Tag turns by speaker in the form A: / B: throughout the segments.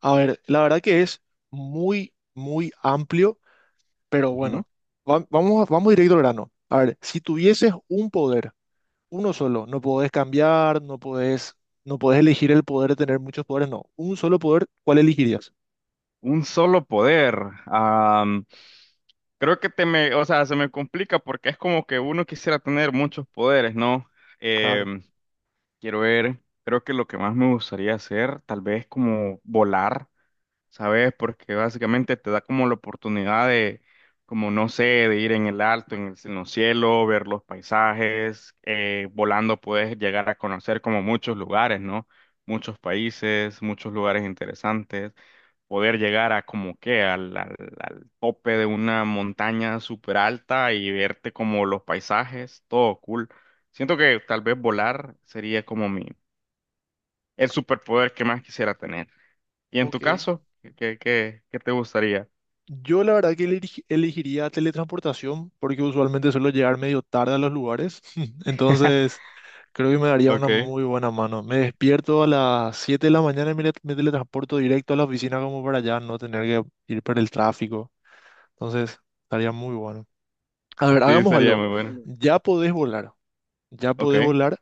A: A ver, la verdad que es muy, muy amplio, pero
B: Ujú.
A: bueno, vamos directo al grano. A ver, si tuvieses un poder, uno solo, no podés cambiar, no podés, no podés elegir el poder de tener muchos poderes, no. Un solo poder, ¿cuál elegirías?
B: Un solo poder. Am, creo que o sea, se me complica porque es como que uno quisiera tener muchos poderes, ¿no?
A: Claro.
B: Em, quiero ver, creo que lo que más me gustaría hacer, tal vez como volar, ¿sabes? Porque básicamente te da como la oportunidad como no sé, de ir en el alto, en los cielos, ver los paisajes. Volando puedes llegar a conocer como muchos lugares, ¿no? Muchos países, muchos lugares interesantes. Poder llegar a como que al tope de una montaña súper alta y verte como los paisajes, todo cool. Siento que tal vez volar sería como el superpoder que más quisiera tener. ¿Y en tu
A: Ok.
B: caso? ¿Qué, qué qué te gustaría?
A: Yo la verdad que elegiría teletransportación porque usualmente suelo llegar medio tarde a los lugares. Entonces, creo que me daría una
B: Ok,
A: muy buena mano. Me despierto a las 7 de la mañana y me teletransporto directo a la oficina como para allá no tener que ir por el tráfico. Entonces, estaría muy bueno. A ver,
B: sí,
A: hagamos
B: sería
A: algo.
B: muy bueno.
A: Ya podés volar, ya podés
B: Ok.
A: volar,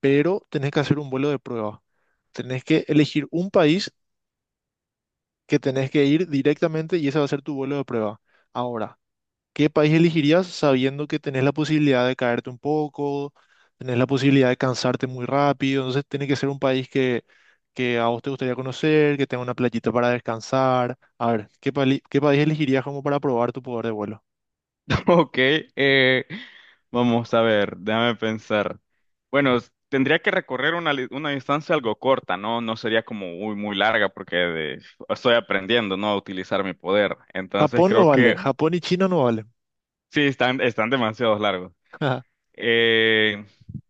A: pero tenés que hacer un vuelo de prueba. Tenés que elegir un país que tenés que ir directamente y ese va a ser tu vuelo de prueba. Ahora. ¿Qué país elegirías sabiendo que tenés la posibilidad de caerte un poco, tenés la posibilidad de cansarte muy rápido? Entonces tiene que ser un país que a vos te gustaría conocer, que tenga una playita para descansar. A ver, ¿ qué país elegirías como para probar tu poder de vuelo?
B: Ok, vamos a ver, déjame pensar. Bueno, tendría que recorrer una distancia algo corta, ¿no? No sería como muy, muy larga porque estoy aprendiendo, ¿no? A utilizar mi poder. Entonces
A: Japón no
B: creo
A: vale,
B: que
A: Japón y China no valen.
B: sí, están, están demasiado largos. Eh,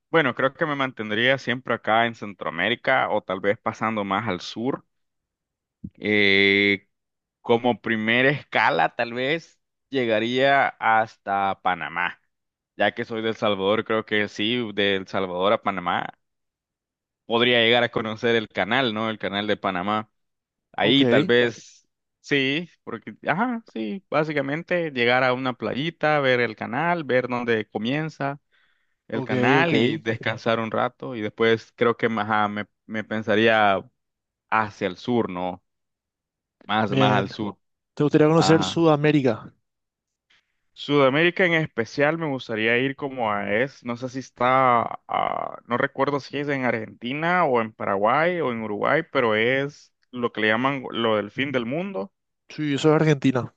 B: bueno, creo que me mantendría siempre acá en Centroamérica o tal vez pasando más al sur. Eh, Como primera escala, tal vez llegaría hasta Panamá. Ya que soy de El Salvador, creo que sí, de El Salvador a Panamá, podría llegar a conocer el canal, ¿no? El canal de Panamá. Ahí tal
A: Ok,
B: vez, sí, porque, ajá, sí, básicamente llegar a una playita, ver el canal, ver dónde comienza el
A: ok, ok.
B: canal y descansar un rato. Y después creo que, ajá, me pensaría hacia el sur, ¿no? Más
A: Bien.
B: al sur.
A: ¿Te gustaría conocer
B: Ajá.
A: Sudamérica?
B: Sudamérica en especial me gustaría ir como a es, no sé si está, ah, no recuerdo si es en Argentina o en Paraguay o en Uruguay, pero es lo que le llaman lo del fin del mundo.
A: Sí, eso es Argentina.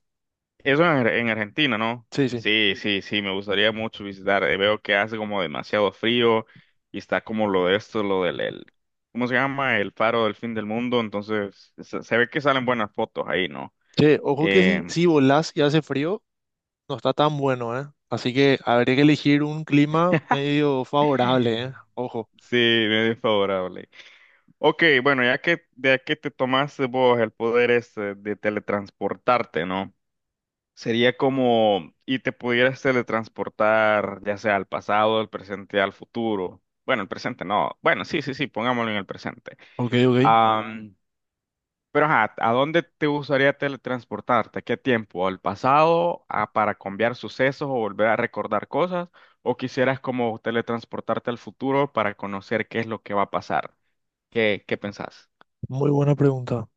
B: Eso en, en Argentina, ¿no?
A: Sí, sí.
B: Sí, sí, sí, me gustaría mucho visitar. Veo que hace como demasiado frío y está como lo de esto, ¿cómo se llama? El faro del fin del mundo, entonces se ve que salen buenas fotos ahí, ¿no?
A: Che, ojo que
B: Eh,
A: si volás y hace frío. No está tan bueno, ¿eh? Así que habría que elegir un clima medio favorable, ¿eh? Ojo.
B: sí, medio favorable. Ok, bueno, ya que de que te tomaste vos el poder este de teletransportarte, ¿no? Sería como y te pudieras teletransportar ya sea al pasado, al presente, al futuro. Bueno, el presente no. Bueno, sí, sí, sí, pongámoslo en el presente.
A: Ok, ok.
B: Am, pero ajá, ¿a dónde te gustaría teletransportarte? ¿A ¿Qué tiempo? ¿Al pasado? ¿A- para cambiar sucesos o volver a recordar cosas? ¿O quisieras como teletransportarte al futuro para conocer qué es lo que va a pasar? ¿Qué, pensás?
A: Muy buena pregunta.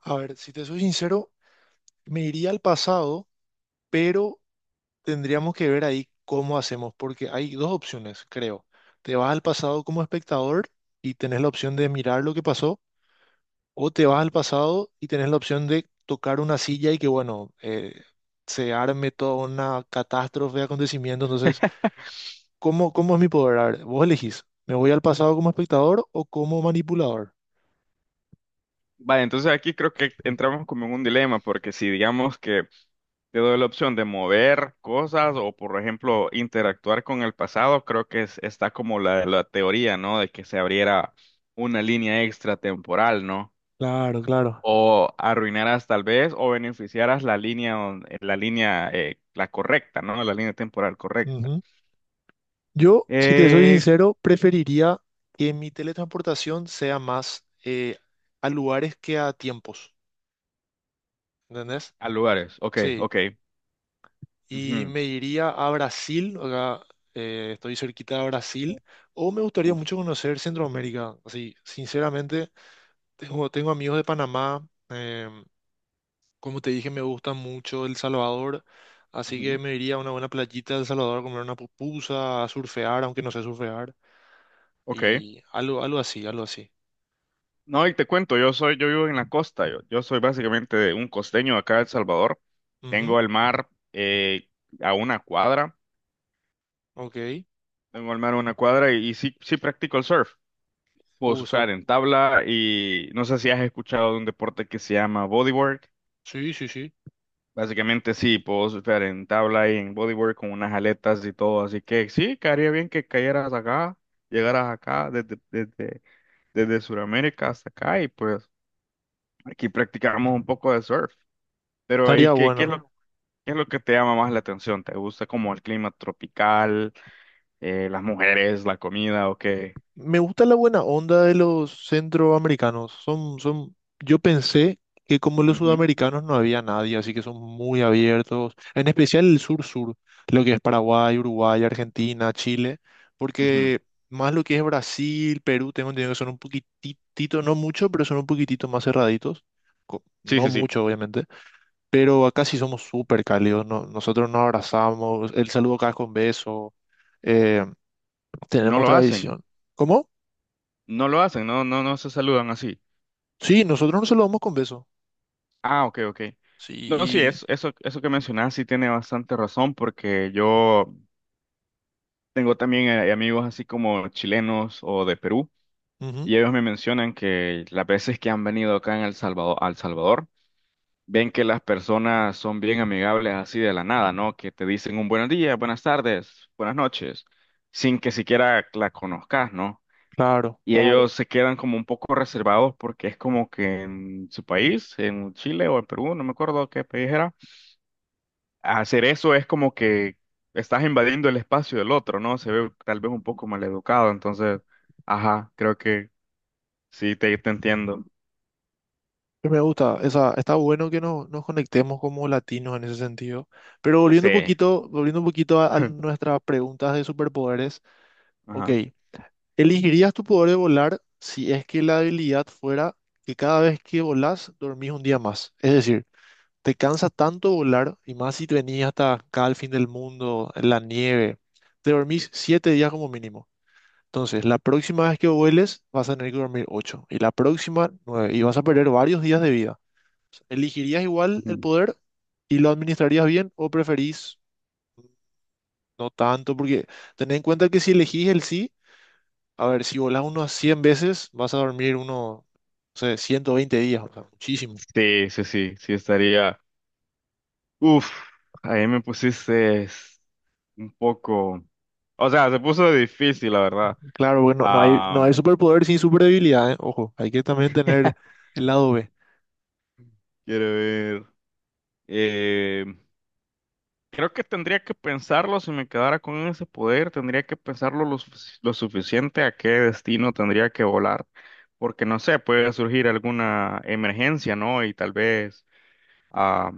A: A ver, si te soy sincero, me iría al pasado, pero tendríamos que ver ahí cómo hacemos, porque hay dos opciones, creo. Te vas al pasado como espectador y tenés la opción de mirar lo que pasó, o te vas al pasado y tenés la opción de tocar una silla y que, bueno, se arme toda una catástrofe de acontecimientos, entonces... Cómo es mi poder? A ver, vos elegís, ¿me voy al pasado como espectador o como manipulador?
B: Vale, entonces aquí creo que
A: Mm.
B: entramos como en un dilema, porque si digamos que te doy la opción de mover cosas o, por ejemplo, interactuar con el pasado, creo que está como la teoría, ¿no? De que se abriera una línea extratemporal, ¿no?
A: Claro.
B: O arruinarás tal vez o beneficiarás la línea, la línea, la correcta, ¿no? La línea temporal correcta.
A: Ujú. Yo, si te soy
B: Eh,
A: sincero, preferiría que mi teletransportación sea más a lugares que a tiempos, ¿entendés?
B: a lugares, ok,
A: Sí,
B: ok.
A: y
B: Ujú,
A: me iría a Brasil, acá estoy cerquita de Brasil, o me gustaría
B: uf,
A: mucho conocer Centroamérica, así, sinceramente, tengo amigos de Panamá, como te dije, me gusta mucho El Salvador, así que
B: ujú,
A: me iría a una buena playita de El Salvador a comer una pupusa, a surfear, aunque no sé surfear,
B: ok.
A: y algo, algo así, algo así.
B: No, y te cuento, yo soy, yo vivo en la costa, yo soy básicamente de un costeño acá de El Salvador.
A: Ujú,
B: Tengo el mar a una cuadra,
A: ok.
B: tengo el mar a una cuadra y sí, sí practico el surf. Puedo
A: Eso-
B: surfear en tabla y no sé si has escuchado de un deporte que se llama bodyboard.
A: sí, sí, sí.
B: Básicamente sí, puedo surfear en tabla y en bodyboard con unas aletas y todo, así que sí, quedaría bien que cayeras acá, llegaras acá desde Sudamérica hasta acá y pues aquí practicamos un poco de surf. Pero, ¿y
A: Estaría
B: qué,
A: bueno.
B: qué es lo que te llama más la atención? ¿Te gusta como el clima tropical, las mujeres, la comida o qué?
A: Me gusta la buena onda de los centroamericanos. Yo pensé que como los
B: Ujú,
A: sudamericanos no había nadie, así que son muy abiertos, en especial el sur-sur, lo que es Paraguay, Uruguay, Argentina, Chile,
B: ujú.
A: porque más lo que es Brasil, Perú, tengo entendido que son un poquitito, no mucho, pero son un poquitito más cerraditos.
B: Sí,
A: No
B: sí, sí.
A: mucho, obviamente, pero acá sí somos súper cálidos. Nosotros nos abrazamos, el saludo acá es con beso, eh,
B: No
A: tenemos
B: lo hacen.
A: tradición. ¿Cómo?
B: No lo hacen. No, no, no se saludan así.
A: Sí, nosotros nos saludamos con beso.
B: Ah, ok, ok. No, sí,
A: Sí,
B: es, eso que mencionas sí tiene bastante razón porque yo tengo también amigos así como chilenos o de Perú
A: ujú,
B: y ellos me mencionan que las veces que han venido acá en El Salvador, al Salvador ven que las personas son bien amigables así de la nada, ¿no? Que te dicen un buenos días, buenas tardes, buenas noches, sin que siquiera la conozcas, ¿no?
A: claro.
B: Y claro. Ellos se quedan como un poco reservados porque es como que en su país, en Chile o en Perú, no me acuerdo qué país era, hacer eso es como que estás invadiendo el espacio del otro, ¿no? Se ve tal vez un poco maleducado, entonces, ajá, creo que sí, te entiendo.
A: Pero me gusta, esa, está bueno que nos conectemos como latinos en ese sentido. Pero
B: Sí,
A: volviendo un poquito a nuestras preguntas de superpoderes, ok,
B: ajá.
A: ¿elegirías tu poder de volar si es que la habilidad fuera que cada vez que volás dormís un día más? Es decir, te cansa tanto volar y más si te venís hasta acá al fin del mundo, en la nieve, te dormís 7 días como mínimo. Entonces, la próxima vez que vueles, vas a tener que dormir 8 y la próxima 9 y vas a perder varios días de vida. ¿Elegirías igual el
B: Ujú.
A: poder y lo administrarías bien o preferís no tanto? Porque ten en cuenta que si elegís el sí, a ver, si volás unos 100 veces, vas a dormir unos, no sé, 120 días, o sea, muchísimo.
B: Sí, sí, sí, sí estaría. Uf, ahí me pusiste es, un poco, o sea, se puso difícil, la verdad.
A: Claro, bueno, no hay
B: Am,
A: superpoder sin superdebilidad, ¿eh? Ojo, hay que también tener el lado B.
B: quiero ver. eh, Creo que tendría que pensarlo si me quedara con ese poder, tendría que pensarlo lo suficiente a qué destino tendría que volar, porque no sé, puede surgir alguna emergencia, ¿no? Y tal vez ah,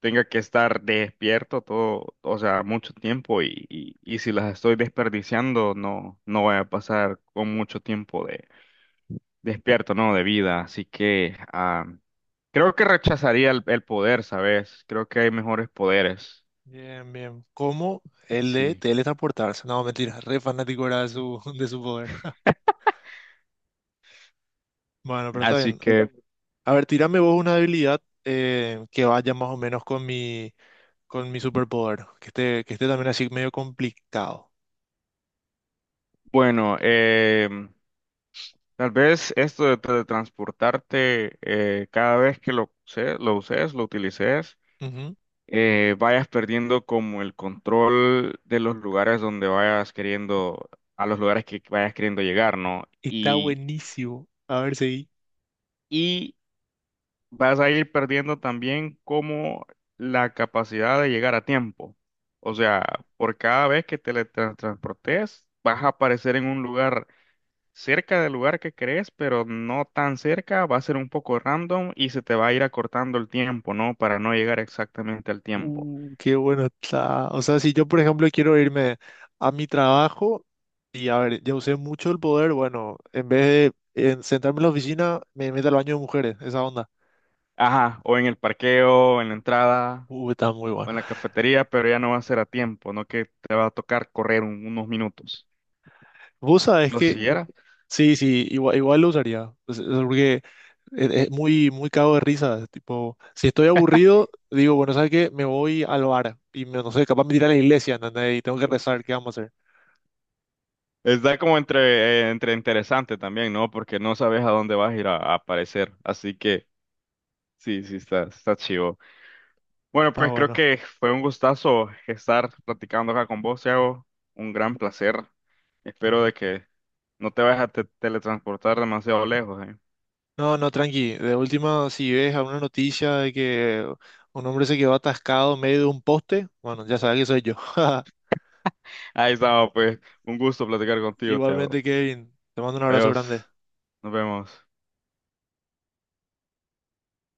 B: tenga que estar despierto todo, o sea, mucho tiempo y, y si las estoy desperdiciando, no, no voy a pasar con mucho tiempo de despierto, ¿no? De vida. Así que creo que rechazaría el poder, ¿sabes? Creo que hay mejores poderes.
A: Bien, bien. Como el de
B: Sí.
A: teletransportarse. No, mentira, re fanático era de su, de su poder. Bueno, pero está
B: Así
A: bien.
B: que,
A: A ver, tírame vos una habilidad que vaya más o menos con con mi superpoder. Que esté también así medio complicado.
B: bueno, tal vez esto de teletransportarte, cada vez que lo uses, lo utilices.
A: Ujú.
B: Vayas perdiendo como el control de los lugares donde vayas queriendo, a los lugares que vayas queriendo llegar, ¿no?
A: Está buenísimo. A ver, seguí.
B: Y vas a ir perdiendo también como la capacidad de llegar a tiempo. O sea, por cada vez que te teletransportes, vas a aparecer en un lugar cerca del lugar que crees, pero no tan cerca, va a ser un poco random y se te va a ir acortando el tiempo, ¿no? Para no llegar exactamente al tiempo.
A: Qué bueno está. O sea, si yo, por ejemplo, quiero irme a mi trabajo y, a ver, ya usé mucho el poder, bueno, en vez de en sentarme en la oficina, me meto al baño de mujeres, esa onda.
B: Ajá, o en el parqueo, en la entrada,
A: Está muy
B: o
A: bueno.
B: en la cafetería, pero ya no va a ser a tiempo, no que te va a tocar correr unos minutos.
A: Vos sabés
B: Lo
A: que,
B: siguiera.
A: sí, sí, igual lo usaría. O sea, porque es muy, muy cago de risa. Tipo, si estoy aburrido, digo, bueno, ¿sabes qué? Me voy al bar y me- no sé, capaz me tiré a la iglesia, ¿entendés? Y tengo que rezar, ¿qué vamos a hacer?
B: Está como entre, entre interesante también, ¿no? Porque no sabes a dónde vas a ir a aparecer. Así que sí, sí, está, está chivo. Bueno,
A: Está
B: pues creo
A: bueno.
B: que fue un gustazo estar platicando acá con vos, Thiago. Un gran placer. Espero de que no te vayas a teletransportar demasiado lejos, ¿eh?
A: No, no, tranqui. De última, si ves alguna noticia de que un hombre se quedó atascado en medio de un poste, bueno, ya sabes que soy yo.
B: Ahí estamos, pues. Un gusto platicar contigo, Thiago.
A: Igualmente, Kevin, te mando un abrazo grande.
B: Adiós. Nos vemos.